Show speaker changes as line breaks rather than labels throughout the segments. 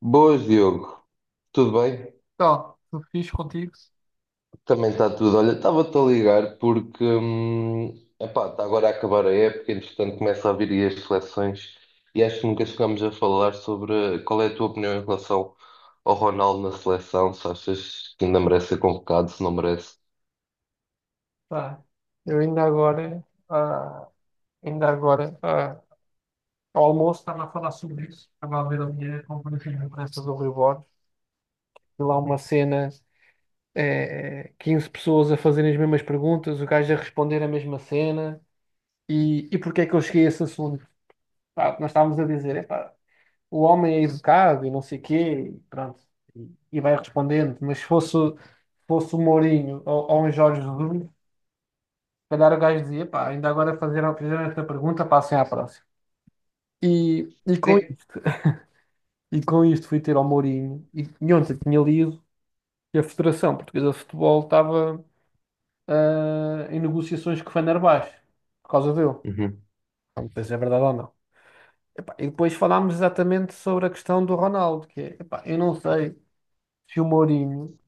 Boas, Diogo. Tudo bem?
Ó, tudo fixe contigo?
Também está tudo. Olha, estava-te a ligar porque, epá, está agora a acabar a época, entretanto começa a vir aí as seleções e acho que nunca chegámos a falar sobre qual é a tua opinião em relação ao Ronaldo na seleção, se achas que ainda merece ser convocado, se não merece.
Tá. Eu ainda agora, ah, ainda agora, ao almoço estava a falar sobre isso. Estava a ver a minha conferência de imprensa do Rui Borges. E lá uma cena, 15 pessoas a fazerem as mesmas perguntas, o gajo a responder a mesma cena. E porquê é que eu cheguei a esse assunto? Pá, nós estávamos a dizer, epá, o homem é educado e não sei quê, e pronto. E vai respondendo. Mas se fosse, fosse o Mourinho ou um Jorge Jesus, calhar o gajo dizia, pá, ainda agora fizeram esta pergunta, passem à próxima. E, e, com,
Sim.
isto- e com isto fui ter ao Mourinho, e ontem tinha lido que a Federação Portuguesa de Futebol estava em negociações com o Fenerbahçe, por causa dele.
Uhum.
Não sei se é verdade ou não. Epá, e depois falámos exatamente sobre a questão do Ronaldo, que é, epá, eu não sei se o Mourinho,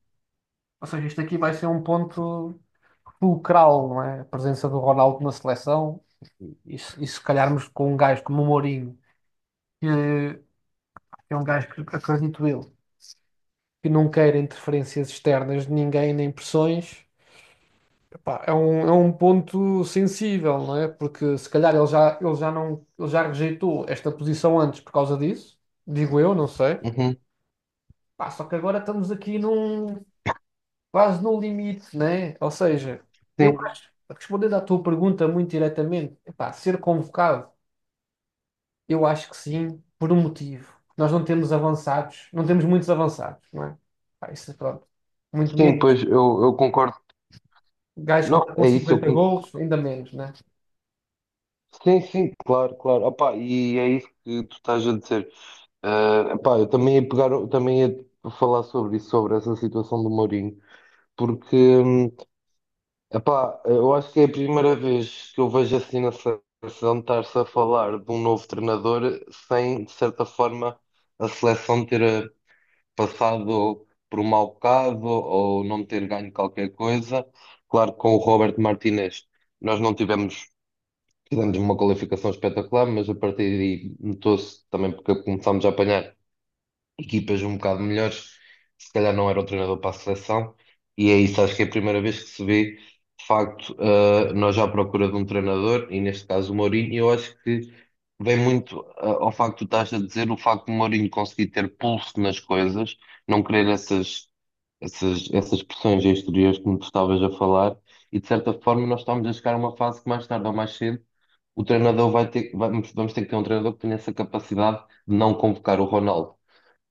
ou seja, isto aqui vai ser um ponto fulcral, não é? A presença do Ronaldo na seleção, e, se se calharmos com um gajo como o Mourinho, que é um gajo que acredito eu, que não quer interferências externas de ninguém, nem pressões. Epá, é um ponto sensível, não é? Porque se calhar ele já não, ele já rejeitou esta posição antes por causa disso, digo eu, não sei.
Uhum.
Pá, só que agora estamos aqui num, quase no limite, né? Ou seja, eu
Sim,
acho, respondendo à tua pergunta muito diretamente, epá, ser convocado. Eu acho que sim, por um motivo. Nós não temos avançados, não temos muitos avançados, não é? Pá, isso, é pronto. Muito
sim,
menos.
pois eu concordo.
Gajos que
Não,
marcam
é isso, eu
50
concordo.
golos, ainda menos, né?
Sim, sim, claro, claro. Opá, e é isso que tu estás a dizer. Ah, pá, eu também ia pegar, também ia falar sobre isso, sobre essa situação do Mourinho, porque, epá, eu acho que é a primeira vez que eu vejo assim na seleção estar-se a falar de um novo treinador sem, de certa forma, a seleção ter passado por um mau bocado ou não ter ganho qualquer coisa. Claro que com o Robert Martinez nós não tivemos, tivemos uma qualificação espetacular, mas a partir daí notou-se também porque começámos a apanhar equipas um bocado melhores, se calhar não era o treinador para a seleção, e é isso, acho que é a primeira vez que se vê, de facto, nós já à procura de um treinador, e neste caso o Mourinho, e eu acho que vem muito ao facto que tu estás a dizer, o facto de Mourinho conseguir ter pulso nas coisas, não querer essas pressões exteriores que tu estavas a falar, e de certa forma nós estamos a chegar a uma fase que mais tarde ou mais cedo o treinador vai ter, vamos ter que ter um treinador que tenha essa capacidade de não convocar o Ronaldo.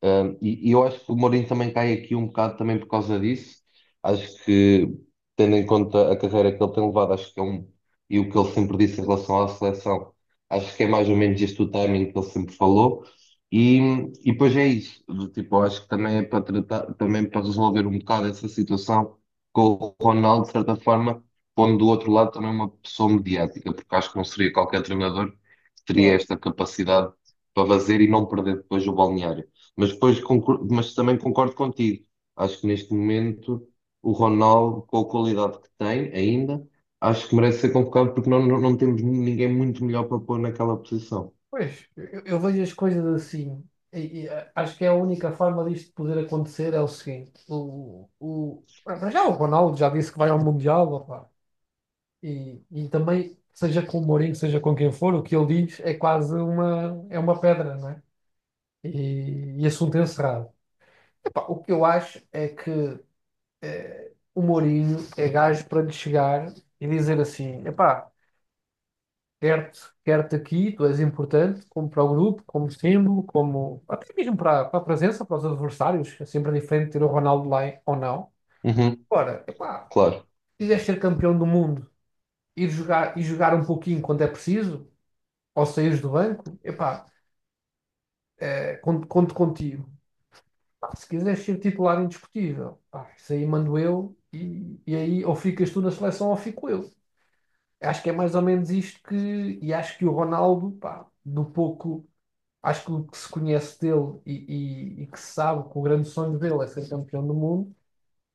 E eu acho que o Mourinho também cai aqui um bocado também por causa disso. Acho que, tendo em conta a carreira que ele tem levado, acho que é um. E o que ele sempre disse em relação à seleção, acho que é mais ou menos este o timing que ele sempre falou. E, e depois é isso. Do tipo, eu acho que também é para tratar, também para resolver um bocado essa situação com o Ronaldo, de certa forma, pondo do outro lado também uma pessoa mediática, porque acho que não seria qualquer treinador que teria esta capacidade para fazer e não perder depois o balneário. Mas depois mas também concordo contigo. Acho que neste momento o Ronaldo, com a qualidade que tem ainda, acho que merece ser convocado porque não temos ninguém muito melhor para pôr naquela posição.
Pois, eu vejo as coisas assim. Acho que é a única forma disto poder acontecer é o seguinte: para já o Ronaldo já disse que vai ao Mundial, opá. E também, seja com o Mourinho, seja com quem for, o que ele diz é é uma pedra, não é? E assunto encerrado. Epá, o que eu acho é que o Mourinho é gajo para lhe chegar e dizer assim: epá, quero-te aqui, tu és importante, como para o grupo, como símbolo, como até mesmo para a presença, para os adversários. É sempre diferente ter o Ronaldo lá ou não.
Uhum,
Ora, epá,
claro.
se quiseres ser campeão do mundo ir jogar, e jogar um pouquinho quando é preciso, ou saíres do banco, epá, conto contigo. Pá, se quiseres ser titular indiscutível, pá, isso aí mando eu e aí ou ficas tu na seleção ou fico eu. Acho que é mais ou menos isto que. E acho que o Ronaldo, pá, do pouco. Acho que o que se conhece dele e que se sabe que o grande sonho dele é ser campeão do mundo,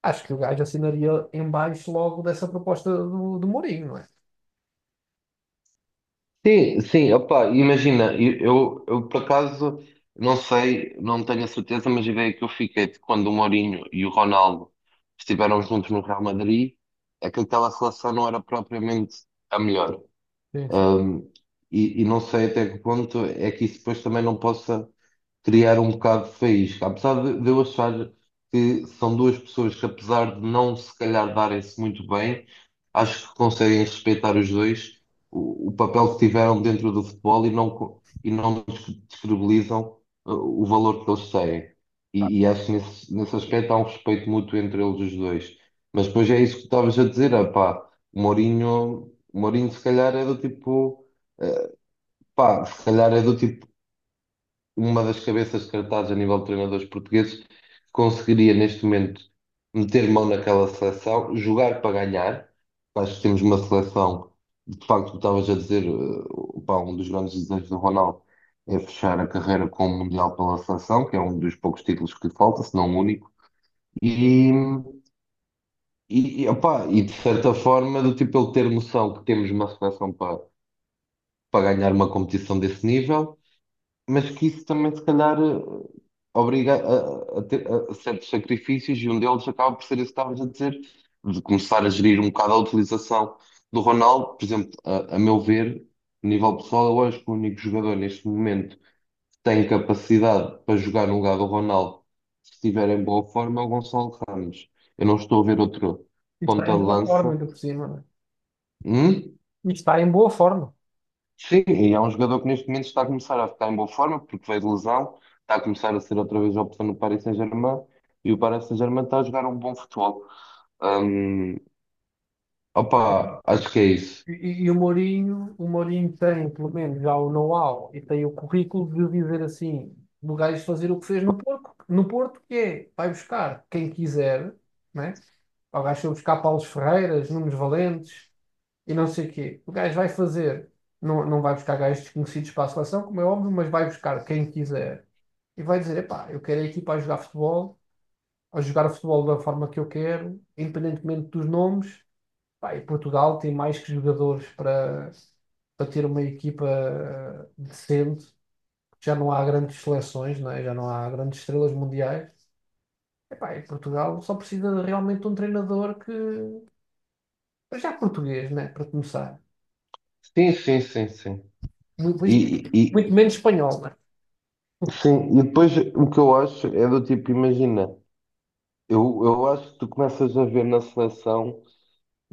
acho que o gajo assinaria em baixo logo dessa proposta do Mourinho, não é?
Sim, sim, opá, imagina, eu, por acaso não sei, não tenho a certeza, mas a ideia que eu fiquei de quando o Mourinho e o Ronaldo estiveram juntos no Real Madrid é que aquela relação não era propriamente a melhor.
Sim, sim.
Ahm, e não sei até que ponto é que isso depois também não possa criar um bocado de faísca. Apesar de eu achar que são duas pessoas que, apesar de não se calhar darem-se muito bem, acho que conseguem respeitar os dois o papel que tiveram dentro do futebol e não, e não descredibilizam o valor que eles têm. E acho que nesse aspecto há um respeito mútuo entre eles os dois. Mas depois é isso que tu estavas a dizer, ah, pá, o Mourinho se calhar é do tipo. uh, Pá, se calhar é do tipo uma das cabeças de cartaz a nível de treinadores portugueses, que conseguiria neste momento meter mão naquela seleção, jogar para ganhar. Acho que temos uma seleção, de facto, tu estavas a dizer, pá, um dos grandes desejos do Ronaldo é fechar a carreira com o Mundial pela seleção, que é um dos poucos títulos que lhe falta, se não o único. E, e, opá, e de certa forma, do tipo ele ter noção que temos uma seleção para, para ganhar uma competição desse nível mas que isso também, se calhar, obriga a ter a certos sacrifícios e um deles acaba por ser isso que estavas a dizer, de começar a gerir um bocado a utilização do Ronaldo. Por exemplo, a meu ver, a nível pessoal, eu acho que o único jogador neste momento que tem capacidade para jogar no lugar do Ronaldo, se estiver em boa forma, é o Gonçalo Ramos. Eu não estou a ver outro
E está
ponta
em
de
boa forma,
lança.
ainda por cima, não é?
Hum?
E está em boa forma.
Sim, e é um jogador que neste momento está a começar a ficar em boa forma, porque veio de lesão, está a começar a ser outra vez a opção no Paris Saint-Germain, e o Paris Saint-Germain está a jogar um bom futebol. Hum, opa, acho que é isso.
E o Mourinho tem, pelo menos, já o know-how e tem o currículo de dizer assim, do gajo fazer o que fez no Porto, no Porto, que é, vai buscar quem quiser, né? Pá, o gajo foi buscar Paulos Ferreiras, Nunes Valentes e não sei o quê. O gajo vai fazer, não vai buscar gajos desconhecidos para a seleção, como é óbvio, mas vai buscar quem quiser. E vai dizer, epá, eu quero a equipa a jogar futebol da forma que eu quero, independentemente dos nomes. Pá, e Portugal tem mais que jogadores para ter uma equipa decente. Já não há grandes seleções, não é? Já não há grandes estrelas mundiais. Epá, e Portugal só precisa de realmente um treinador que... Mas já português, né? Para começar.
Sim, sim, sim, sim.
Muito,
E, e-
muito menos espanhol, né?
sim, e depois o que eu acho é do tipo, imagina, eu acho que tu começas a ver na seleção.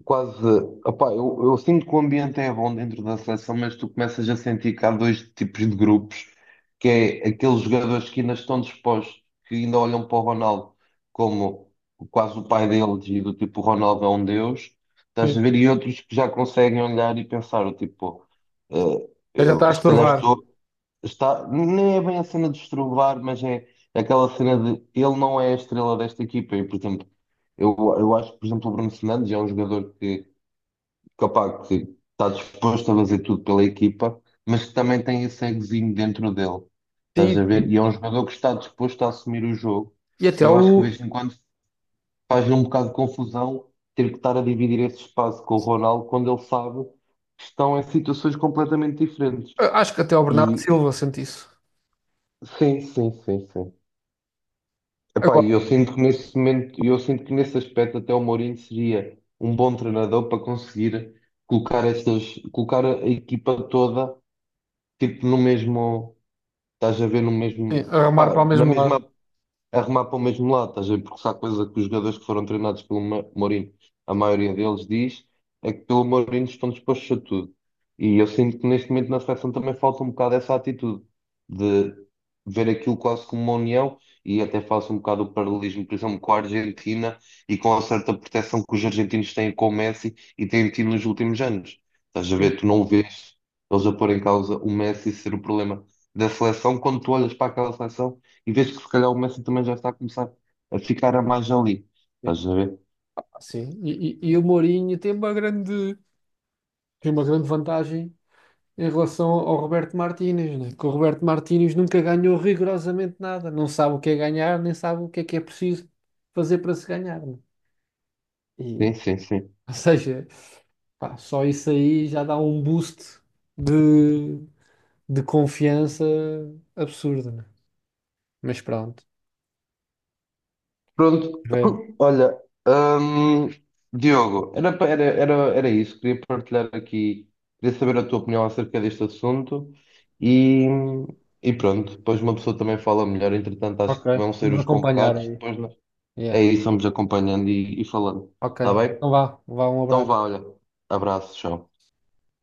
Quase, opá, eu sinto que o ambiente é bom dentro da seleção, mas tu começas a sentir que há dois tipos de grupos, que é aqueles jogadores que ainda estão dispostos, que ainda olham para o Ronaldo como quase o pai deles e do tipo, o Ronaldo é um deus, estás a
Sim.
ver, e outros que já conseguem olhar e pensar, o tipo, eh,
Já já está a
eu, se calhar
estorvar.
estou, está, nem é bem a cena de estrovar, mas é aquela cena de ele não é a estrela desta equipa, e por exemplo, eu acho que, por exemplo, o Bruno Fernandes é um jogador que capaz que está disposto a fazer tudo pela equipa, mas que também tem esse egozinho dentro dele. Estás a
Sim,
ver?
sim.
E é um jogador que está disposto a assumir o jogo.
E até
E eu acho que de
o...
vez em quando faz um bocado de confusão ter que estar a dividir esse espaço com o Ronaldo quando ele sabe que estão em situações completamente diferentes.
Acho que até o Bernardo
E
Silva sente isso.
sim, sim, sim, sim. Epá, e
Agora,
eu sinto que nesse momento, eu sinto que nesse aspecto até o Mourinho seria um bom treinador para conseguir colocar estas, colocar a equipa toda tipo no mesmo, estás a ver no
sim,
mesmo,
a remar para o
pá, na
mesmo
mesma
lado.
arrumar para o mesmo lado, estás a ver? Porque se há coisa que os jogadores que foram treinados pelo Mourinho, a maioria deles diz, é que pelo Mourinho estão dispostos a tudo. E eu sinto que neste momento na seleção também falta um bocado essa atitude de ver aquilo quase como uma união e até faço um bocado o paralelismo, por exemplo, com a Argentina e com a certa proteção que os argentinos têm com o Messi e têm tido nos últimos anos. Estás a
Sim.
ver? Tu não vês eles a pôr em causa o Messi ser o problema da seleção quando tu olhas para aquela seleção. E vês que se calhar o Messi também já está a começar a ficar a mais ali.
Sim.
Estás a ver?
Ah, sim. E o Mourinho tem uma grande vantagem em relação ao Roberto Martínez, né? Que o Roberto Martínez nunca ganhou rigorosamente nada. Não sabe o que é ganhar, nem sabe o que é preciso fazer para se ganhar, né?
Sim,
E,
sim, sim.
ou seja, pá, só isso aí já dá um boost de, de confiança absurdo, né? Mas pronto,
Pronto,
ver.
olha, hum, Diogo, era, pa- era, era, era isso. Queria partilhar aqui, queria saber a tua opinião acerca deste assunto e, e pronto, depois uma pessoa também fala melhor. Entretanto, acho
Ok,
que vão ser
vamos
os
acompanhar
convocados.
aí.
Depois nós- é
Yeah.
isso, vamos acompanhando e falando.
Ok,
Está bem?
então vá, vá, um
Então vá,
abraço.
olha, abraço, tchau.